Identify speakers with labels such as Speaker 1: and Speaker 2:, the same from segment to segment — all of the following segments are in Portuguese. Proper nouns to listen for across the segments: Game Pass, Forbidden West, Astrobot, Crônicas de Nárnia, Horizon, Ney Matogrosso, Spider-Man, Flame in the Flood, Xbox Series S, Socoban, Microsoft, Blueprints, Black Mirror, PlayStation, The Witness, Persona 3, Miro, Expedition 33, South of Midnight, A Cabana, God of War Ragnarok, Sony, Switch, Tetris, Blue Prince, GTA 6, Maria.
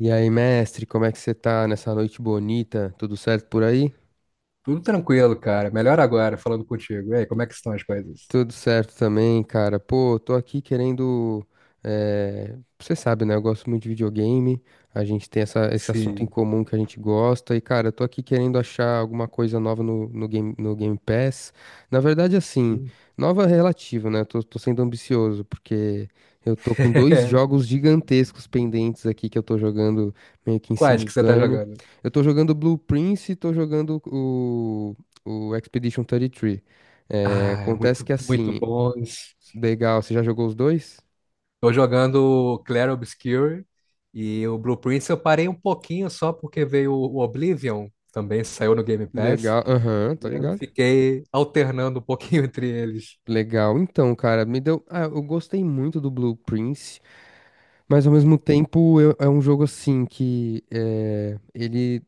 Speaker 1: E aí, mestre, como é que você tá nessa noite bonita? Tudo certo por aí?
Speaker 2: Tudo tranquilo, cara. Melhor agora, falando contigo. E aí, como é que estão as coisas?
Speaker 1: Tudo certo também, cara. Pô, tô aqui querendo. Você sabe, né? Eu gosto muito de videogame. A gente tem esse assunto em
Speaker 2: Sim.
Speaker 1: comum que a gente gosta. E, cara, eu tô aqui querendo achar alguma coisa nova no game, no Game Pass. Na verdade, assim, nova relativa, né? Tô sendo ambicioso, porque eu tô com dois jogos gigantescos pendentes aqui que eu tô jogando meio que em
Speaker 2: Quais que você tá
Speaker 1: simultâneo.
Speaker 2: jogando?
Speaker 1: Eu tô jogando Blue Prince e tô jogando o Expedition 33. É,
Speaker 2: Ah, é
Speaker 1: acontece
Speaker 2: muito,
Speaker 1: que
Speaker 2: muito
Speaker 1: assim,
Speaker 2: bons.
Speaker 1: legal, você já jogou os dois?
Speaker 2: Tô jogando o Clair Obscur e o Blueprints eu parei um pouquinho só porque veio o Oblivion, também saiu no Game Pass,
Speaker 1: Legal, aham, tá
Speaker 2: e eu
Speaker 1: ligado?
Speaker 2: fiquei alternando um pouquinho entre eles.
Speaker 1: Legal, então, cara, me deu. Ah, eu gostei muito do Blue Prince. Mas ao mesmo tempo é um jogo assim que é, ele,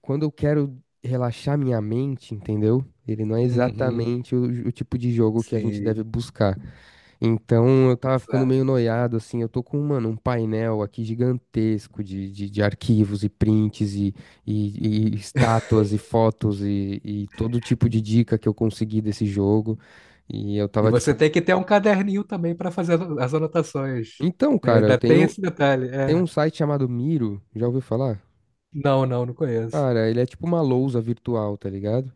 Speaker 1: quando eu quero relaxar minha mente, entendeu? Ele não é
Speaker 2: Uhum,
Speaker 1: exatamente o tipo de jogo que a gente
Speaker 2: sim,
Speaker 1: deve buscar. Então eu tava ficando
Speaker 2: exato.
Speaker 1: meio noiado, assim. Eu tô com, mano, um painel aqui gigantesco de arquivos e prints e estátuas e fotos e todo tipo de dica que eu consegui desse jogo. E eu
Speaker 2: E
Speaker 1: tava
Speaker 2: você
Speaker 1: tipo,
Speaker 2: tem que ter um caderninho também para fazer as anotações,
Speaker 1: então,
Speaker 2: né?
Speaker 1: cara, eu
Speaker 2: Ainda tem
Speaker 1: tenho,
Speaker 2: esse detalhe.
Speaker 1: tem
Speaker 2: É.
Speaker 1: um site chamado Miro, já ouviu falar?
Speaker 2: Não, não, não conheço.
Speaker 1: Cara, ele é tipo uma lousa virtual, tá ligado?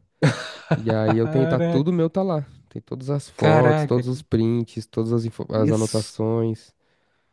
Speaker 1: E aí eu tenho, tá
Speaker 2: Caraca,
Speaker 1: tudo meu, tá lá. Tem todas as fotos,
Speaker 2: caraca,
Speaker 1: todos os
Speaker 2: cara.
Speaker 1: prints, todas as
Speaker 2: isso,
Speaker 1: anotações.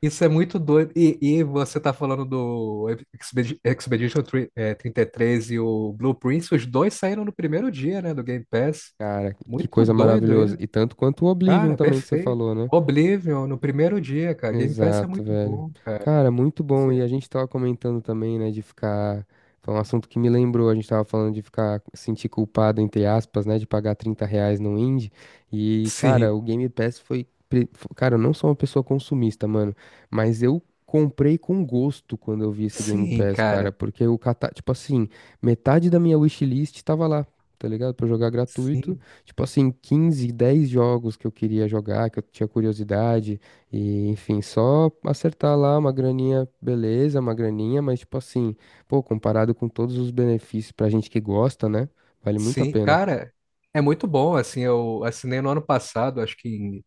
Speaker 2: isso é muito doido. E você tá falando do Expedition 33 e três e o Blue Prince, os dois saíram no primeiro dia, né, do Game Pass.
Speaker 1: Cara, que
Speaker 2: Muito
Speaker 1: coisa
Speaker 2: doido aí.
Speaker 1: maravilhosa. E tanto quanto o Oblivion
Speaker 2: Cara,
Speaker 1: também que você
Speaker 2: perfeito.
Speaker 1: falou, né?
Speaker 2: Oblivion no primeiro dia, cara. Game Pass é
Speaker 1: Exato,
Speaker 2: muito
Speaker 1: velho.
Speaker 2: bom, cara.
Speaker 1: Cara, muito bom.
Speaker 2: Assim,
Speaker 1: E a gente tava comentando também, né, de ficar. Foi um assunto que me lembrou. A gente tava falando de ficar sentir culpado, entre aspas, né, de pagar R$ 30 no indie. E, cara,
Speaker 2: sim,
Speaker 1: o Game Pass foi. Cara, eu não sou uma pessoa consumista, mano, mas eu. Comprei com gosto quando eu vi esse Game
Speaker 2: sim,
Speaker 1: Pass, cara,
Speaker 2: cara.
Speaker 1: porque tipo assim, metade da minha wishlist tava lá, tá ligado? Pra eu jogar gratuito,
Speaker 2: Sim,
Speaker 1: tipo assim, 15 10 jogos que eu queria jogar, que eu tinha curiosidade, e, enfim, só acertar lá uma graninha, beleza, uma graninha, mas tipo assim, pô, comparado com todos os benefícios pra gente que gosta, né? Vale muito a
Speaker 2: sim.
Speaker 1: pena.
Speaker 2: Cara, é muito bom, assim, eu assinei no ano passado, acho que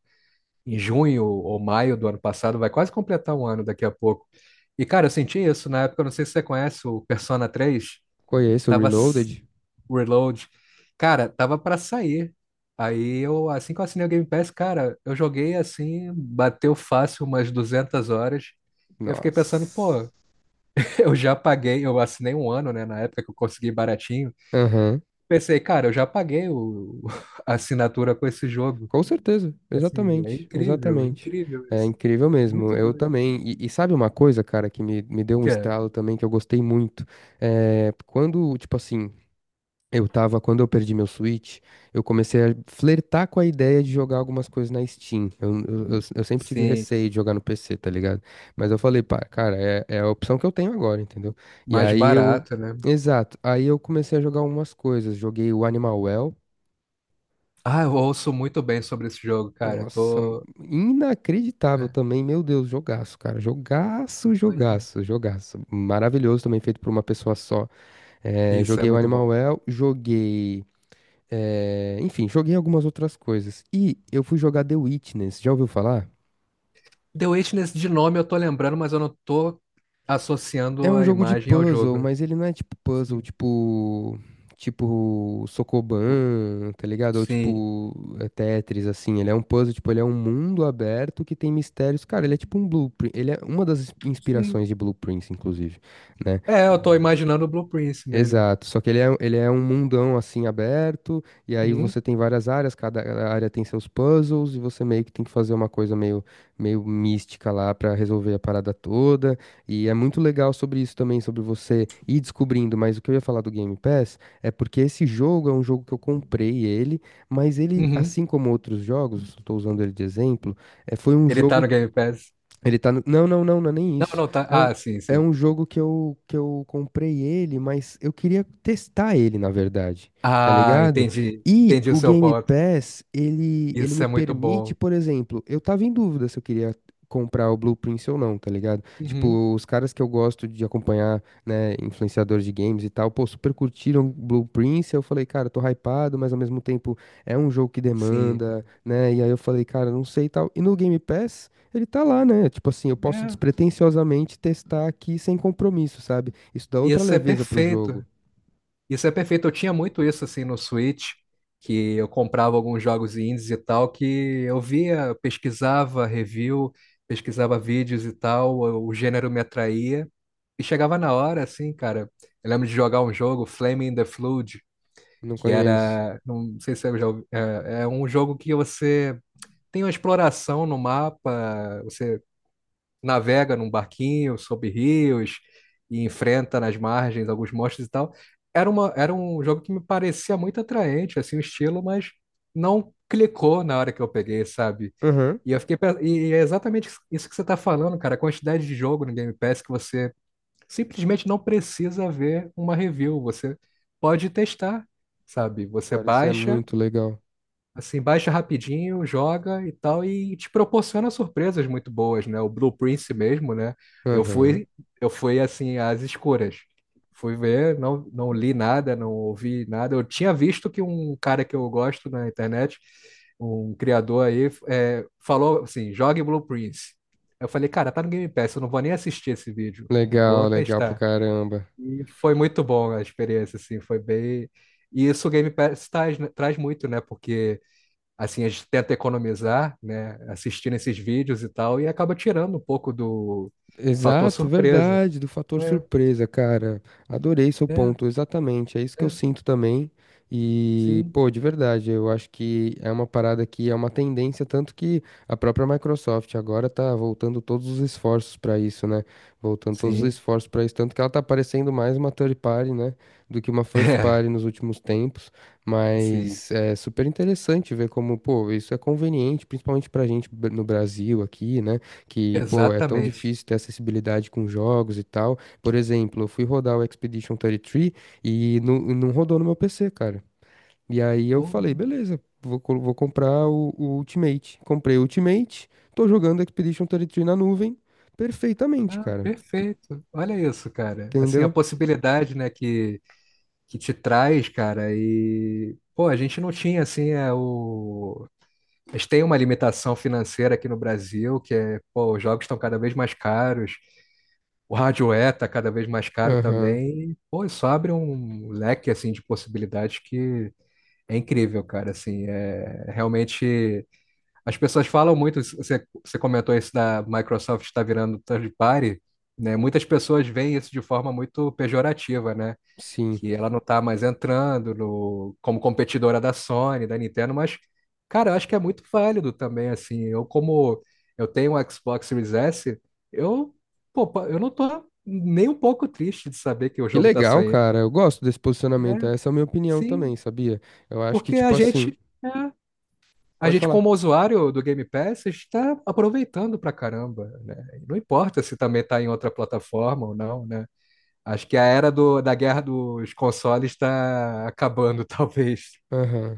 Speaker 2: em junho ou maio do ano passado, vai quase completar um ano daqui a pouco. E, cara, eu senti isso na época, eu não sei se você conhece o Persona 3,
Speaker 1: Conheço o
Speaker 2: tava s-
Speaker 1: Reloaded?
Speaker 2: Reload. Cara, tava pra sair. Aí eu, assim que eu assinei o Game Pass, cara, eu joguei assim, bateu fácil umas 200 horas. E eu fiquei pensando,
Speaker 1: Nossa.
Speaker 2: pô, eu já paguei, eu assinei um ano, né, na época que eu consegui baratinho.
Speaker 1: Aham.
Speaker 2: Pensei, cara, eu já paguei o, a assinatura com esse jogo.
Speaker 1: Com certeza,
Speaker 2: Assim, é
Speaker 1: exatamente,
Speaker 2: incrível,
Speaker 1: exatamente.
Speaker 2: incrível
Speaker 1: É
Speaker 2: isso.
Speaker 1: incrível mesmo.
Speaker 2: Muito
Speaker 1: Eu
Speaker 2: doido.
Speaker 1: também. E sabe uma coisa, cara, que me deu um
Speaker 2: Que é,
Speaker 1: estalo também que eu gostei muito? É, quando, tipo assim, Eu tava, quando eu perdi meu Switch, eu comecei a flertar com a ideia de jogar algumas coisas na Steam. Eu sempre tive
Speaker 2: sim,
Speaker 1: receio de jogar no PC, tá ligado? Mas eu falei, pá, cara, é a opção que eu tenho agora, entendeu? E
Speaker 2: mais
Speaker 1: aí eu.
Speaker 2: barato, né?
Speaker 1: Exato. Aí eu comecei a jogar algumas coisas. Joguei o Animal Well.
Speaker 2: Ah, eu ouço muito bem sobre esse jogo, cara. Eu
Speaker 1: Nossa,
Speaker 2: tô.
Speaker 1: inacreditável
Speaker 2: É,
Speaker 1: também. Meu Deus, jogaço, cara. Jogaço,
Speaker 2: imagina.
Speaker 1: jogaço, jogaço. Maravilhoso também, feito por uma pessoa só. É,
Speaker 2: Isso é
Speaker 1: joguei o
Speaker 2: muito
Speaker 1: Animal
Speaker 2: bom.
Speaker 1: Well, joguei. É, enfim, joguei algumas outras coisas. E eu fui jogar The Witness, já ouviu falar?
Speaker 2: The Witness de nome eu tô lembrando, mas eu não tô
Speaker 1: É
Speaker 2: associando
Speaker 1: um
Speaker 2: a
Speaker 1: jogo de
Speaker 2: imagem ao
Speaker 1: puzzle,
Speaker 2: jogo.
Speaker 1: mas ele não é tipo puzzle,
Speaker 2: Sim.
Speaker 1: tipo. Tipo
Speaker 2: O-
Speaker 1: Socoban, tá ligado? Ou
Speaker 2: Sim.
Speaker 1: tipo é Tetris, assim. Ele é um puzzle, tipo, ele é um mundo aberto que tem mistérios. Cara, ele é tipo um blueprint. Ele é uma das
Speaker 2: Sim.
Speaker 1: inspirações de blueprints, inclusive, né?
Speaker 2: É, eu tô imaginando o Blue Prince mesmo.
Speaker 1: Exato, só que ele é um mundão assim aberto, e aí
Speaker 2: Uhum.
Speaker 1: você tem várias áreas, cada área tem seus puzzles, e você meio que tem que fazer uma coisa meio mística lá pra resolver a parada toda. E é muito legal sobre isso também, sobre você ir descobrindo. Mas o que eu ia falar do Game Pass é porque esse jogo é um jogo que eu comprei ele, mas ele,
Speaker 2: Uhum.
Speaker 1: assim como outros jogos, estou usando ele de exemplo, é, foi um
Speaker 2: Ele tá
Speaker 1: jogo
Speaker 2: no Game Pass.
Speaker 1: ele tá no... Não, não, não, não é nem
Speaker 2: Não,
Speaker 1: isso.
Speaker 2: não tá.
Speaker 1: É um,
Speaker 2: Ah, sim,
Speaker 1: é
Speaker 2: sim.
Speaker 1: um jogo que eu comprei ele, mas eu queria testar ele, na verdade. Tá
Speaker 2: Ah,
Speaker 1: ligado?
Speaker 2: entendi.
Speaker 1: E
Speaker 2: Entendi o
Speaker 1: o
Speaker 2: seu
Speaker 1: Game
Speaker 2: ponto.
Speaker 1: Pass, ele
Speaker 2: Isso
Speaker 1: me
Speaker 2: é muito
Speaker 1: permite,
Speaker 2: bom.
Speaker 1: por exemplo, eu tava em dúvida se eu queria comprar o Blue Prince ou não, tá ligado?
Speaker 2: Uhum.
Speaker 1: Tipo, os caras que eu gosto de acompanhar, né, influenciadores de games e tal, pô, super curtiram Blue Prince, eu falei, cara, tô hypado, mas ao mesmo tempo é um jogo que
Speaker 2: Sim.
Speaker 1: demanda, né? E aí eu falei, cara, não sei e tal. E no Game Pass. Ele tá lá, né? Tipo assim, eu posso
Speaker 2: É.
Speaker 1: despretensiosamente testar aqui sem compromisso, sabe? Isso dá outra
Speaker 2: Isso é
Speaker 1: leveza pro
Speaker 2: perfeito.
Speaker 1: jogo.
Speaker 2: Isso é perfeito. Eu tinha muito isso assim no Switch, que eu comprava alguns jogos indies e tal, que eu via, eu pesquisava review, pesquisava vídeos e tal, o gênero me atraía. E chegava na hora, assim, cara. Eu lembro de jogar um jogo, Flame in the Flood,
Speaker 1: Não
Speaker 2: que
Speaker 1: conheço.
Speaker 2: era. Não sei se eu já ouvi, é um jogo que você tem uma exploração no mapa, você navega num barquinho sob rios e enfrenta nas margens alguns monstros e tal. Era um jogo que me parecia muito atraente, assim, o estilo, mas não clicou na hora que eu peguei, sabe?
Speaker 1: Aham.
Speaker 2: E eu fiquei, e é exatamente isso que você tá falando, cara, a quantidade de jogo no Game Pass que você simplesmente não precisa ver uma review, você pode testar, sabe? Você
Speaker 1: Cara, isso é
Speaker 2: baixa
Speaker 1: muito legal.
Speaker 2: Assim, baixa rapidinho, joga e tal, e te proporciona surpresas muito boas, né? O Blue Prince mesmo, né? Eu
Speaker 1: Aham.
Speaker 2: fui, eu fui assim, às escuras. Fui ver, não, não li nada, não ouvi nada. Eu tinha visto que um cara que eu gosto na internet, um criador aí, falou assim, jogue Blue Prince. Eu falei, cara, tá no Game Pass, eu não vou nem assistir esse vídeo.
Speaker 1: Legal,
Speaker 2: Vou
Speaker 1: legal pra
Speaker 2: testar.
Speaker 1: caramba.
Speaker 2: E foi muito bom a experiência, assim, foi bem. E isso o Game Pass traz, né, traz muito, né? Porque assim, a gente tenta economizar, né, assistindo esses vídeos e tal, e acaba tirando um pouco do fator
Speaker 1: Exato,
Speaker 2: surpresa.
Speaker 1: verdade, do fator
Speaker 2: É,
Speaker 1: surpresa, cara. Adorei seu
Speaker 2: é,
Speaker 1: ponto, exatamente. É isso que eu
Speaker 2: é,
Speaker 1: sinto também. E,
Speaker 2: sim,
Speaker 1: pô, de verdade, eu acho que é uma parada que é uma tendência, tanto que a própria Microsoft agora tá voltando todos os esforços pra isso, né? Voltando todos os
Speaker 2: sim,
Speaker 1: esforços pra isso, tanto que ela tá parecendo mais uma third party, né, do que uma first
Speaker 2: é,
Speaker 1: party nos últimos tempos.
Speaker 2: sim,
Speaker 1: Mas é super interessante ver como, pô, isso é conveniente, principalmente pra gente no Brasil aqui, né? Que, pô, é tão
Speaker 2: exatamente.
Speaker 1: difícil ter acessibilidade com jogos e tal. Por exemplo, eu fui rodar o Expedition 33 e três e não rodou no meu PC, cara. E aí eu
Speaker 2: Pô,
Speaker 1: falei, beleza, vou comprar o Ultimate. Comprei o Ultimate, tô jogando Expedition 33 na nuvem perfeitamente,
Speaker 2: ah,
Speaker 1: cara.
Speaker 2: perfeito. Olha isso, cara. Assim, a
Speaker 1: Entendeu?
Speaker 2: possibilidade, né, que te traz, cara, e, pô, a gente não tinha, assim, é, o. A gente tem uma limitação financeira aqui no Brasil, que é, pô, os jogos estão cada vez mais caros. O hardware está cada vez mais caro
Speaker 1: Aham,
Speaker 2: também. E, pô, isso abre um leque assim de possibilidades que é incrível, cara. Assim, é realmente as pessoas falam muito. Você comentou isso da Microsoft está virando third party, né? Muitas pessoas veem isso de forma muito pejorativa, né?
Speaker 1: sim.
Speaker 2: Que ela não tá mais entrando no, como competidora da Sony, da Nintendo, mas, cara, eu acho que é muito válido também, assim, eu como eu tenho um Xbox Series S, eu, pô, eu não tô nem um pouco triste de saber que o
Speaker 1: Que
Speaker 2: jogo tá
Speaker 1: legal, cara.
Speaker 2: saindo,
Speaker 1: Eu gosto desse posicionamento.
Speaker 2: né?
Speaker 1: Essa é a minha opinião
Speaker 2: Sim,
Speaker 1: também, sabia? Eu acho que,
Speaker 2: porque
Speaker 1: tipo assim,
Speaker 2: a
Speaker 1: pode
Speaker 2: gente
Speaker 1: falar.
Speaker 2: como usuário do Game Pass está aproveitando pra caramba, né? Não importa se também tá em outra plataforma ou não, né? Acho que a era da guerra dos consoles está acabando, talvez.
Speaker 1: Aham.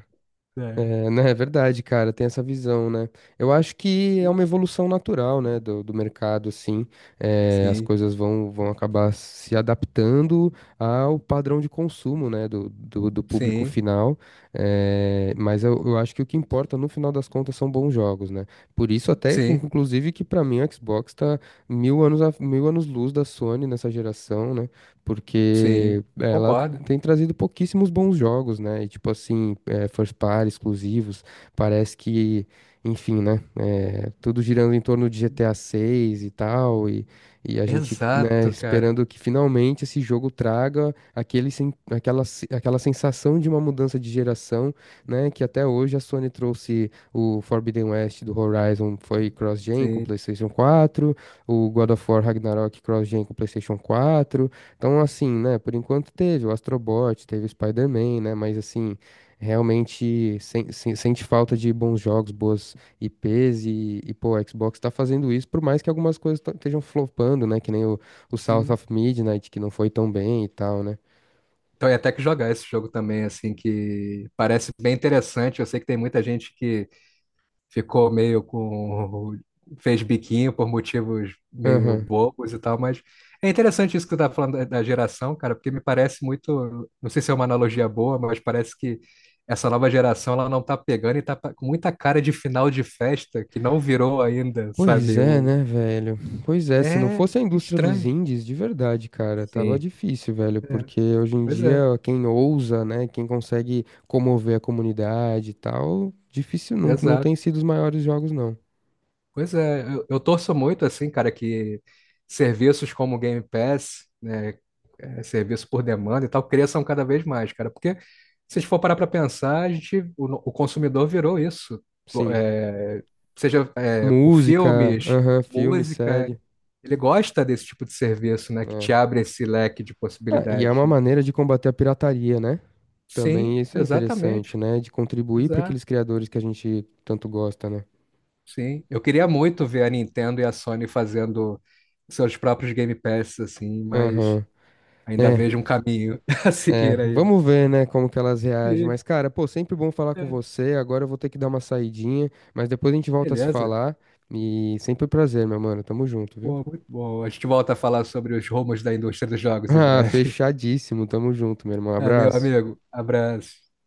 Speaker 2: É.
Speaker 1: É, né, é verdade, cara, tem essa visão, né? Eu acho que é uma evolução natural, né, do mercado, assim, é, as
Speaker 2: Sim,
Speaker 1: coisas vão acabar se adaptando ao padrão de consumo, né, do público
Speaker 2: sim,
Speaker 1: final, é, mas eu acho que o que importa, no final das contas, são bons jogos, né? Por isso até que,
Speaker 2: sim,
Speaker 1: inclusive, que pra mim o Xbox tá mil anos luz da Sony nessa geração, né?
Speaker 2: sim.
Speaker 1: Porque ela
Speaker 2: Concordo.
Speaker 1: tem trazido pouquíssimos bons jogos, né? E tipo assim, é, first party, exclusivos, parece que, enfim, né? É, tudo girando em torno de GTA 6 e tal, e a gente, né,
Speaker 2: Exato, cara.
Speaker 1: esperando que finalmente esse jogo traga aquele, sen- aquela, se- aquela sensação de uma mudança de geração, né? Que até hoje a Sony trouxe o Forbidden West do Horizon, foi cross-gen com
Speaker 2: Sim,
Speaker 1: PlayStation 4, o God of War Ragnarok cross-gen com PlayStation 4. Então, assim, né, por enquanto teve o Astrobot, teve o Spider-Man, né, mas assim, realmente sente falta de bons jogos, boas IPs e pô, o Xbox tá fazendo isso, por mais que algumas coisas estejam flopando, né, que nem o South
Speaker 2: sim.
Speaker 1: of Midnight, que não foi tão bem e tal, né.
Speaker 2: Então, ia até que jogar esse jogo também, assim, que parece bem interessante. Eu sei que tem muita gente que ficou meio com. Fez biquinho por motivos meio
Speaker 1: Aham.
Speaker 2: bobos e tal, mas é interessante isso que tu tá falando da geração, cara, porque me parece muito. Não sei se é uma analogia boa, mas parece que essa nova geração ela não tá pegando e tá com muita cara de final de festa que não virou ainda,
Speaker 1: Pois
Speaker 2: sabe?
Speaker 1: é, né, velho? Pois é, se não
Speaker 2: É
Speaker 1: fosse a indústria dos
Speaker 2: estranho.
Speaker 1: indies, de verdade, cara, tava
Speaker 2: Sim.
Speaker 1: difícil, velho,
Speaker 2: É.
Speaker 1: porque hoje em
Speaker 2: Pois
Speaker 1: dia
Speaker 2: é,
Speaker 1: quem ousa, né, quem consegue comover a comunidade e tal, difícil, não, não
Speaker 2: exato.
Speaker 1: tem sido os maiores jogos, não.
Speaker 2: Pois é, eu torço muito, assim, cara, que serviços como o Game Pass, né? Serviço por demanda e tal, cresçam cada vez mais, cara. Porque se a gente for parar para pensar, a gente, o, no- o consumidor virou isso.
Speaker 1: Sim.
Speaker 2: é, Seja por
Speaker 1: Música,
Speaker 2: filmes,
Speaker 1: aham, filme,
Speaker 2: música,
Speaker 1: série,
Speaker 2: ele gosta desse tipo de serviço, né? Que te
Speaker 1: né?
Speaker 2: abre esse leque de
Speaker 1: Ah, e é
Speaker 2: possibilidades,
Speaker 1: uma
Speaker 2: né?
Speaker 1: maneira de combater a pirataria, né?
Speaker 2: Sim,
Speaker 1: Também isso é interessante,
Speaker 2: exatamente.
Speaker 1: né? De contribuir para
Speaker 2: Exato.
Speaker 1: aqueles criadores que a gente tanto gosta, né?
Speaker 2: Sim. Eu queria muito ver a Nintendo e a Sony fazendo seus próprios Game Pass, assim, mas
Speaker 1: Aham.
Speaker 2: ainda
Speaker 1: É,
Speaker 2: vejo um caminho a
Speaker 1: É,
Speaker 2: seguir ainda.
Speaker 1: vamos ver, né, como que elas reagem.
Speaker 2: Sim,
Speaker 1: Mas, cara, pô, sempre bom falar com
Speaker 2: é,
Speaker 1: você. Agora eu vou ter que dar uma saidinha, mas depois a gente volta a se
Speaker 2: beleza.
Speaker 1: falar. E sempre um prazer, meu mano. Tamo junto, viu?
Speaker 2: Pô, muito bom. A gente volta a falar sobre os rumos da indústria dos jogos em
Speaker 1: Ah,
Speaker 2: breve.
Speaker 1: fechadíssimo. Tamo junto, meu irmão.
Speaker 2: Valeu,
Speaker 1: Abraço.
Speaker 2: amigo. Abraço.